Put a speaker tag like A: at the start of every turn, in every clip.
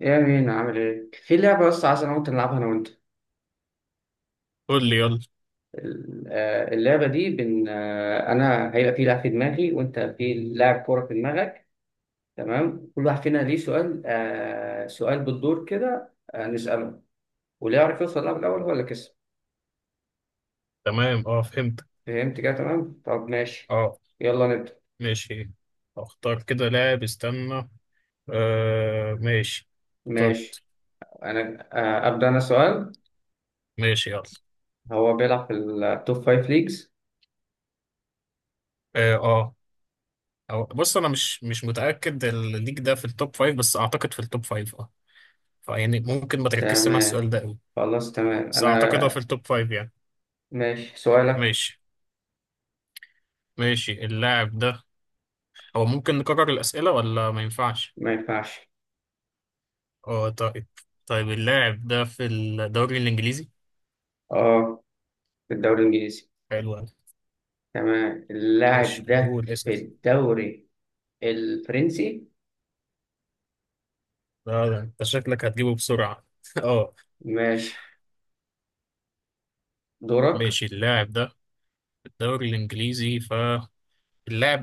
A: ايه يا مين عامل ايه؟ في لعبة بس عايز انا وانت نلعبها انا وانت.
B: قول لي يلا.
A: اللعبة دي بن آه، انا هيبقى في لاعب في دماغي وانت في لاعب كورة في دماغك. تمام، كل واحد فينا ليه سؤال بالدور كده، نسأله. واللي يعرف يوصل لها الاول هو اللي كسب.
B: تمام، فهمت.
A: فهمت كده تمام؟ طب ماشي،
B: اه
A: يلا نبدأ.
B: ماشي. اختار كده لاعب، استنى. آه ماشي.
A: ماشي،
B: اخترت.
A: انا ابدأ انا سؤال.
B: ماشي يلا.
A: هو بيلعب في التوب فايف ليجز.
B: اه اه. بص، انا مش متأكد الليج ده في التوب فايف، بس اعتقد في التوب فايف اه. فيعني ممكن ما تركزش مع
A: تمام،
B: السؤال ده قوي.
A: خلاص تمام.
B: بس اعتقد
A: انا
B: هو في التوب فايف يعني.
A: ماشي سؤالك.
B: ماشي. ماشي اللاعب ده، هو ممكن نكرر الأسئلة ولا ما ينفعش؟
A: ما ينفعش.
B: اه طيب. طيب اللاعب ده في الدوري الإنجليزي؟
A: اه، في الدوري الإنجليزي.
B: حلو أوي.
A: تمام،
B: ماشي
A: اللاعب ده
B: قول اسأل.
A: في الدوري الفرنسي.
B: لا ده انت شكلك هتجيبه بسرعة. اه
A: ماشي دورك.
B: ماشي. اللاعب ده في الدوري الانجليزي، فاللاعب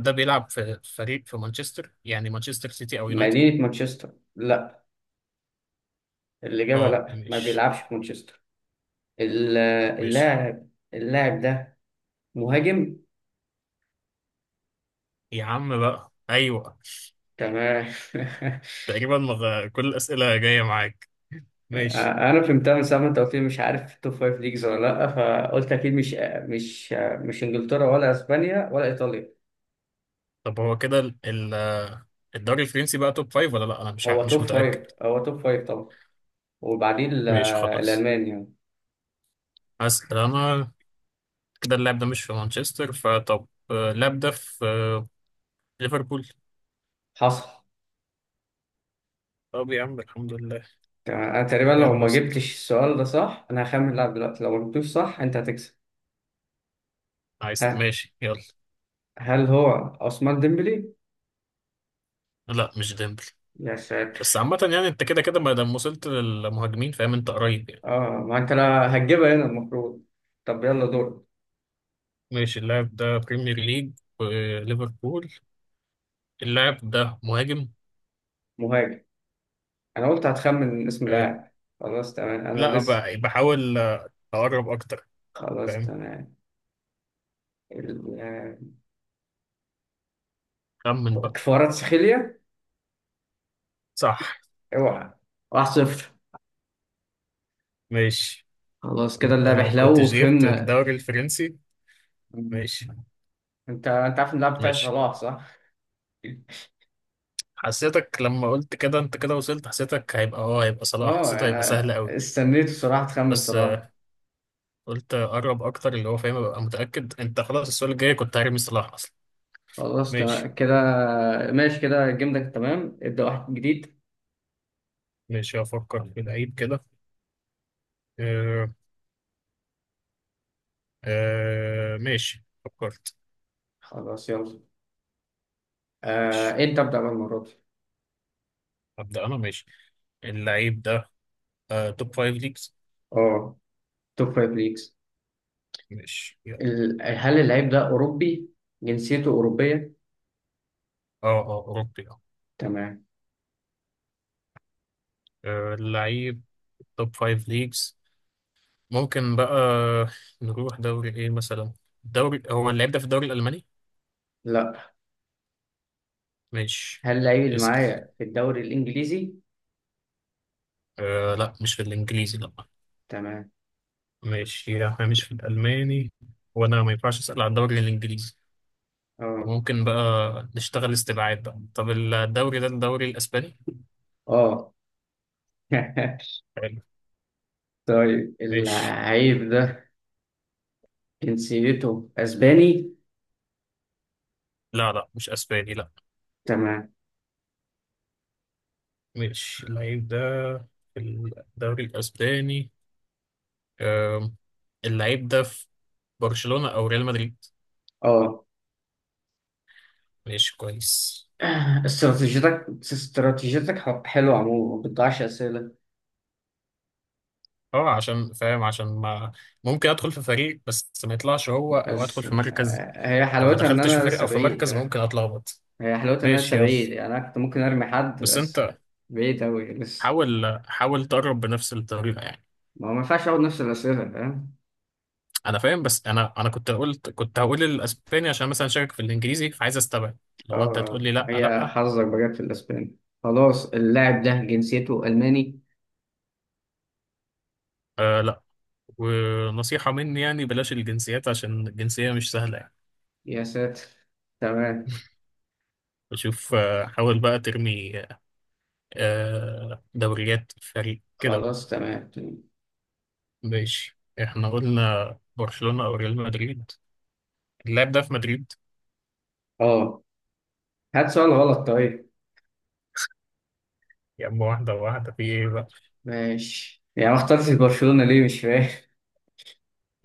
B: ده بيلعب في فريق في مانشستر، يعني مانشستر سيتي او يونايتد.
A: مدينة مانشستر، لا. الإجابة
B: اه
A: لا، ما
B: مش
A: بيلعبش في مانشستر. ال-
B: مش
A: اللاعب اللاعب ده مهاجم.
B: يا عم بقى، ايوه.
A: تمام.
B: تقريبا كل الاسئلة جاية معاك. ماشي.
A: أنا فهمتها من ساعة ما أنت قلت لي مش عارف توب فايف ليجز ولا لأ، فقلت أكيد مش مش إنجلترا ولا أسبانيا ولا إيطاليا.
B: طب هو كده الدوري الفرنسي بقى توب فايف ولا لا؟ انا
A: هو
B: مش
A: توب
B: متأكد.
A: فايف، هو توب فايف طبعا. وبعدين
B: ماشي خلاص،
A: الألمان يعني.
B: هسأل انا كده. اللاعب ده مش في مانشستر، فطب اللاعب ده في ليفربول؟
A: حصل.
B: طب يا عم الحمد لله.
A: تمام انا تقريبا لو
B: يلا
A: ما
B: اسأل.
A: جبتش السؤال ده صح انا هخمن اللاعب دلوقتي، لو ما جبتوش صح انت هتكسب.
B: عايز
A: ها،
B: ماشي يلا.
A: هل هو عثمان ديمبلي؟
B: لا مش ديمبلي.
A: يا
B: بس
A: ساتر.
B: عامة يعني، انت كده كده ما دام وصلت للمهاجمين فاهم انت قريب يعني.
A: اه، ما انت لا هتجيبها هنا المفروض. طب يلا دور.
B: ماشي، اللاعب ده بريمير ليج وليفربول، اللاعب ده مهاجم.
A: مهاجم. انا قلت هتخمن اسم
B: حلو.
A: اللاعب. خلاص تمام انا
B: لا
A: لسه.
B: بقى بحاول اقرب اكتر.
A: خلاص
B: فاهم.
A: تمام. ال- آه،
B: خمن بقى.
A: كفارات سخيليا.
B: صح.
A: اوعى. واحد صفر.
B: ماشي.
A: خلاص كده
B: انت
A: اللعب
B: لو
A: حلو
B: كنتش جبت
A: وفهمنا.
B: الدوري الفرنسي.
A: انت
B: ماشي.
A: انت عارف إن اللاعب بتاعي
B: ماشي،
A: صلاح صح؟
B: حسيتك لما قلت كده، انت كده وصلت، حسيتك هيبقى اه هيبقى صلاح،
A: اه،
B: حسيته هيبقى
A: انا
B: سهل قوي.
A: استنيت بصراحة تخمن
B: بس
A: صلاح.
B: قلت اقرب اكتر اللي هو فاهم ابقى متاكد. انت خلاص السؤال الجاي كنت هرمي صلاح اصلا.
A: خلاص
B: ماشي.
A: تمام كده. ماشي كده الجيم ده تمام، ابدأ واحد جديد.
B: ماشي هفكر في لعيب كده. آه. آه ماشي فكرت.
A: خلاص يلا.
B: ماشي.
A: آه، انت ابدأ بقى المرة دي.
B: ابدا انا ماشي، اللعيب ده آه توب فايف ليجز.
A: اه، توب فايف ليجز.
B: ماشي يلا.
A: هل اللعيب ده أوروبي؟ جنسيته أوروبية.
B: اه اه اوروبي اه.
A: تمام.
B: اللعيب توب فايف ليجز، ممكن بقى نروح دوري ايه مثلا؟ دوري، هو اللعيب ده في الدوري الالماني؟
A: لا،
B: ماشي.
A: هل اللعيب اللي
B: اسال.
A: معايا في الدوري الإنجليزي؟
B: آه لا مش في الانجليزي، لا.
A: تمام.
B: ماشي يعني احنا مش في الألماني، وأنا ما ينفعش أسأل على الدوري الإنجليزي،
A: اه
B: فممكن بقى نشتغل استبعاد بقى. طب الدوري ده الدوري الأسباني؟
A: اه.
B: حلو.
A: طيب
B: ماشي.
A: اللعيب ده جنسيته أسباني؟
B: لا لا مش أسباني، لا.
A: تمام.
B: ماشي، اللعيب ده في الدوري الأسباني أم، اللعيب ده في برشلونة أو ريال مدريد؟
A: اه.
B: ماشي كويس.
A: استراتيجيتك حلوة عموما، ما بتضيعش أسئلة.
B: اه عشان فاهم، عشان ما ممكن أدخل في فريق بس ما يطلعش هو، أو أدخل
A: بس
B: في مركز.
A: هي
B: لو ما
A: حلاوتها ان
B: دخلتش في
A: انا
B: فريق
A: لسه
B: أو في
A: بعيد
B: مركز ممكن
A: فاهم.
B: أتلخبط.
A: هي حلاوتها ان انا لسه
B: ماشي يلا.
A: بعيد، يعني انا كنت ممكن ارمي حد
B: بس
A: بس.
B: انت
A: بعيد اوي لسه.
B: حاول حاول تقرب بنفس الطريقه يعني.
A: ما هو ما ينفعش اقعد نفس الاسئله فاهم.
B: انا فاهم، بس انا كنت قلت، كنت هقول الاسباني عشان مثلا شاكك في الانجليزي، فعايز استبعد لو انت تقول لي لا.
A: هي
B: لا
A: حظك بجد في الاسباني. خلاص اللاعب ده جنسيته الماني.
B: آه لا. ونصيحه مني يعني، بلاش الجنسيات عشان الجنسيه مش سهله يعني.
A: يا ساتر. تمام،
B: بشوف آه، حاول بقى ترمي آه دوريات فريق كده بقى.
A: خلاص تمام تمام.
B: ماشي، احنا قلنا برشلونه او ريال مدريد، اللاعب ده في مدريد؟
A: اه، هات سؤال غلط طيب.
B: يا اما واحده واحده، في ايه بقى؟
A: ماشي، يعني ما اخترتش برشلونه ليه مش فاهم.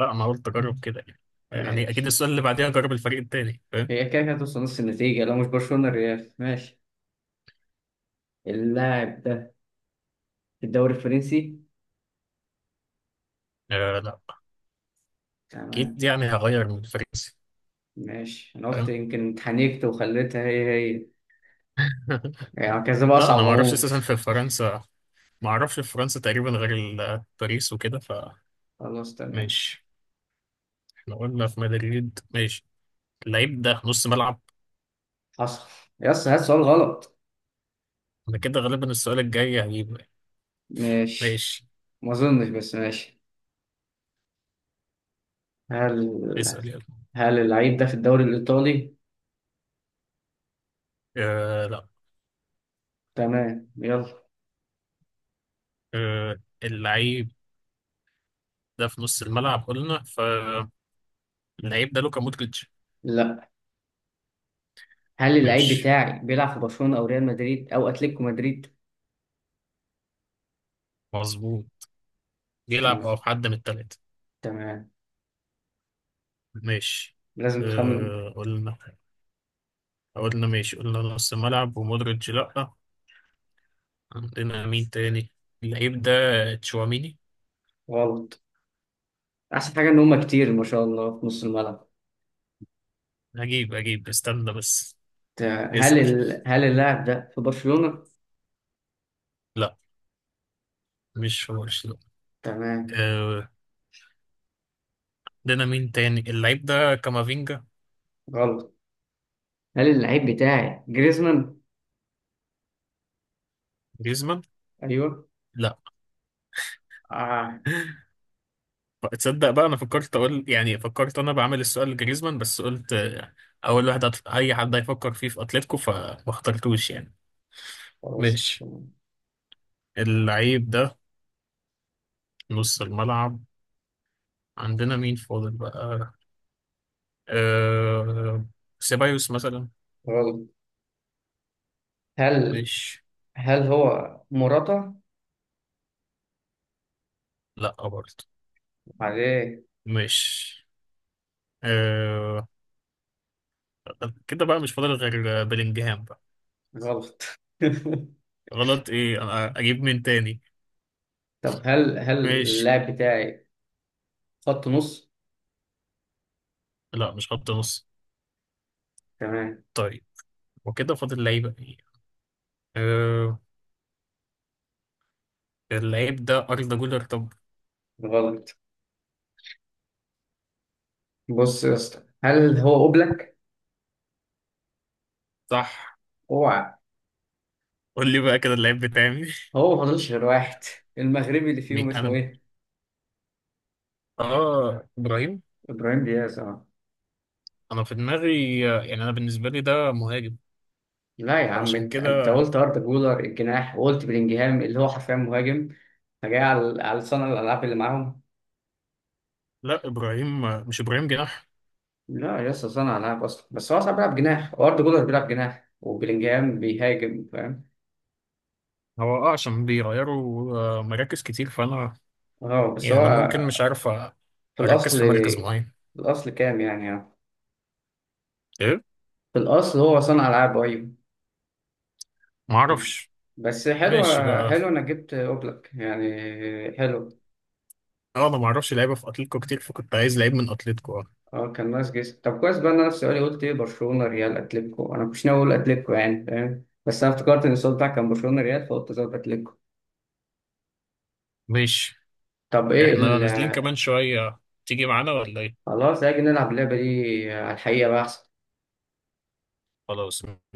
B: لا انا قلت اجرب كده يعني. يعني اكيد
A: ماشي.
B: السؤال اللي بعديها جرب الفريق التاني، فاهم؟
A: هي كده كده هتوصل نص النتيجه لو مش برشلونه الريال ماشي. اللاعب ده في الدوري الفرنسي.
B: آه لا. اكيد
A: تمام.
B: يعني هغير من الفرنسي.
A: ماشي انا قلت
B: فاهم.
A: يمكن اتحنكت وخليتها هي. يعني كذا بقى
B: لا انا
A: اصعب
B: ما اعرفش
A: عموما.
B: اساسا في فرنسا. ما اعرفش في فرنسا تقريبا غير باريس وكده.
A: خلاص تمام.
B: فماشي. احنا قلنا في مدريد، ماشي. اللعيب ده نص ملعب.
A: حصل. يس، هات سؤال غلط.
B: انا كده غالبا السؤال الجاي هجيبه.
A: ماشي.
B: ماشي
A: ما اظنش بس ماشي. هل
B: اسأل يلا.
A: هل اللعيب ده في الدوري الايطالي؟
B: آه لا.
A: تمام يلا.
B: آه اللعيب ده في نص الملعب قلنا، فاللعيب ده لوكا مودريتش؟
A: لا، هل اللعيب
B: ماشي.
A: بتاعي بيلعب في برشلونة او ريال مدريد او اتلتيكو مدريد؟
B: مظبوط، يلعب او
A: تمام
B: في حد من التلاتة.
A: تمام.
B: ماشي.
A: لازم تخمن.
B: آه قلنا، قلنا ماشي، قلنا نص ملعب ومودريتش لأ، عندنا مين تاني؟ اللعيب ده تشواميني.
A: غلط. احسن حاجة ان هما كتير ما شاء الله في نص الملعب.
B: هجيب هجيب استنى بس.
A: ت- هل
B: اسأل.
A: ال... هل اللاعب ده في برشلونة؟
B: لأ مش في برشلونة.
A: تمام.
B: آه، عندنا مين تاني؟ اللعيب ده كامافينجا.
A: غلط. هل اللعيب بتاعي جريزمان؟
B: جريزمان؟
A: ايوه.
B: لأ.
A: اه.
B: تصدق بقى، أنا فكرت أقول يعني، فكرت أنا بعمل السؤال لجريزمان، بس قلت أول واحد أي حد هيفكر فيه في أتلتيكو، فما اخترتوش يعني.
A: خلاص
B: ماشي.
A: تمام.
B: اللعيب ده نص الملعب، عندنا مين فاضل بقى؟ أه... سيبايوس مثلا؟
A: غلط. هل
B: مش
A: هل هو مراته
B: لا برضه.
A: عليه؟
B: مش أه... كده بقى مش فاضل غير بلينجهام بقى.
A: غلط.
B: غلط ايه؟ انا اجيب مين تاني؟
A: طب، هل
B: مش.
A: اللاعب بتاعي خط نص؟
B: لا مش خط نص؟
A: تمام.
B: طيب، وكده فاضل لعيبه ايه؟ أه... اللعيب ده أردا جولر طب.
A: غلط. بص يا اسطى، هل هو اوبلاك؟
B: صح.
A: اوعى.
B: قول لي بقى كده اللعيب بتاعي.
A: هو ما فاضلش غير واحد، المغربي اللي فيهم
B: مين؟
A: اسمه
B: انا
A: ايه؟
B: اه ابراهيم؟
A: ابراهيم دياز اه.
B: انا في دماغي يعني، انا بالنسبه لي ده مهاجم،
A: لا يا عم،
B: فعشان
A: انت
B: كده.
A: قلت اردا جولر الجناح، وقلت بلينجهام اللي هو حرفيا مهاجم. فجاي على صانع الالعاب اللي معاهم.
B: لا ابراهيم مش ابراهيم جناح.
A: لا لسه صانع العاب اصلا، بس هو اصلا بيلعب جناح، واردا جولر بيلعب جناح، وبلينجهام بيهاجم فاهم.
B: هو اه عشان بيغيروا مراكز كتير فانا
A: اه بس هو
B: يعني ممكن مش عارف
A: في
B: اركز
A: الاصل
B: في مركز
A: في
B: معين.
A: الاصل كام يعني اه.
B: ايه.
A: في الاصل هو صانع العاب ايوه.
B: ما اعرفش.
A: بس حلو،
B: ماشي بقى.
A: حلو انك جبت اوبلك يعني. حلو.
B: اه انا ما اعرفش لعيبه في اتلتيكو كتير، فكنت عايز لعيب من اتلتيكو اه.
A: اه كان ناقص جسم. طب كويس بقى إن انا في سؤالي قلت ايه برشلونه ريال اتلتيكو، انا مش ناوي اقول اتلتيكو يعني فاهم، بس انا افتكرت ان السؤال بتاعك كان برشلونه ريال فقلت زود اتلتيكو.
B: ماشي.
A: طب ايه
B: احنا
A: ال...
B: نازلين كمان شويه، تيجي معانا ولا ايه؟
A: خلاص هاجي نلعب اللعبه دي على الحقيقه بقى احسن.
B: خلاص.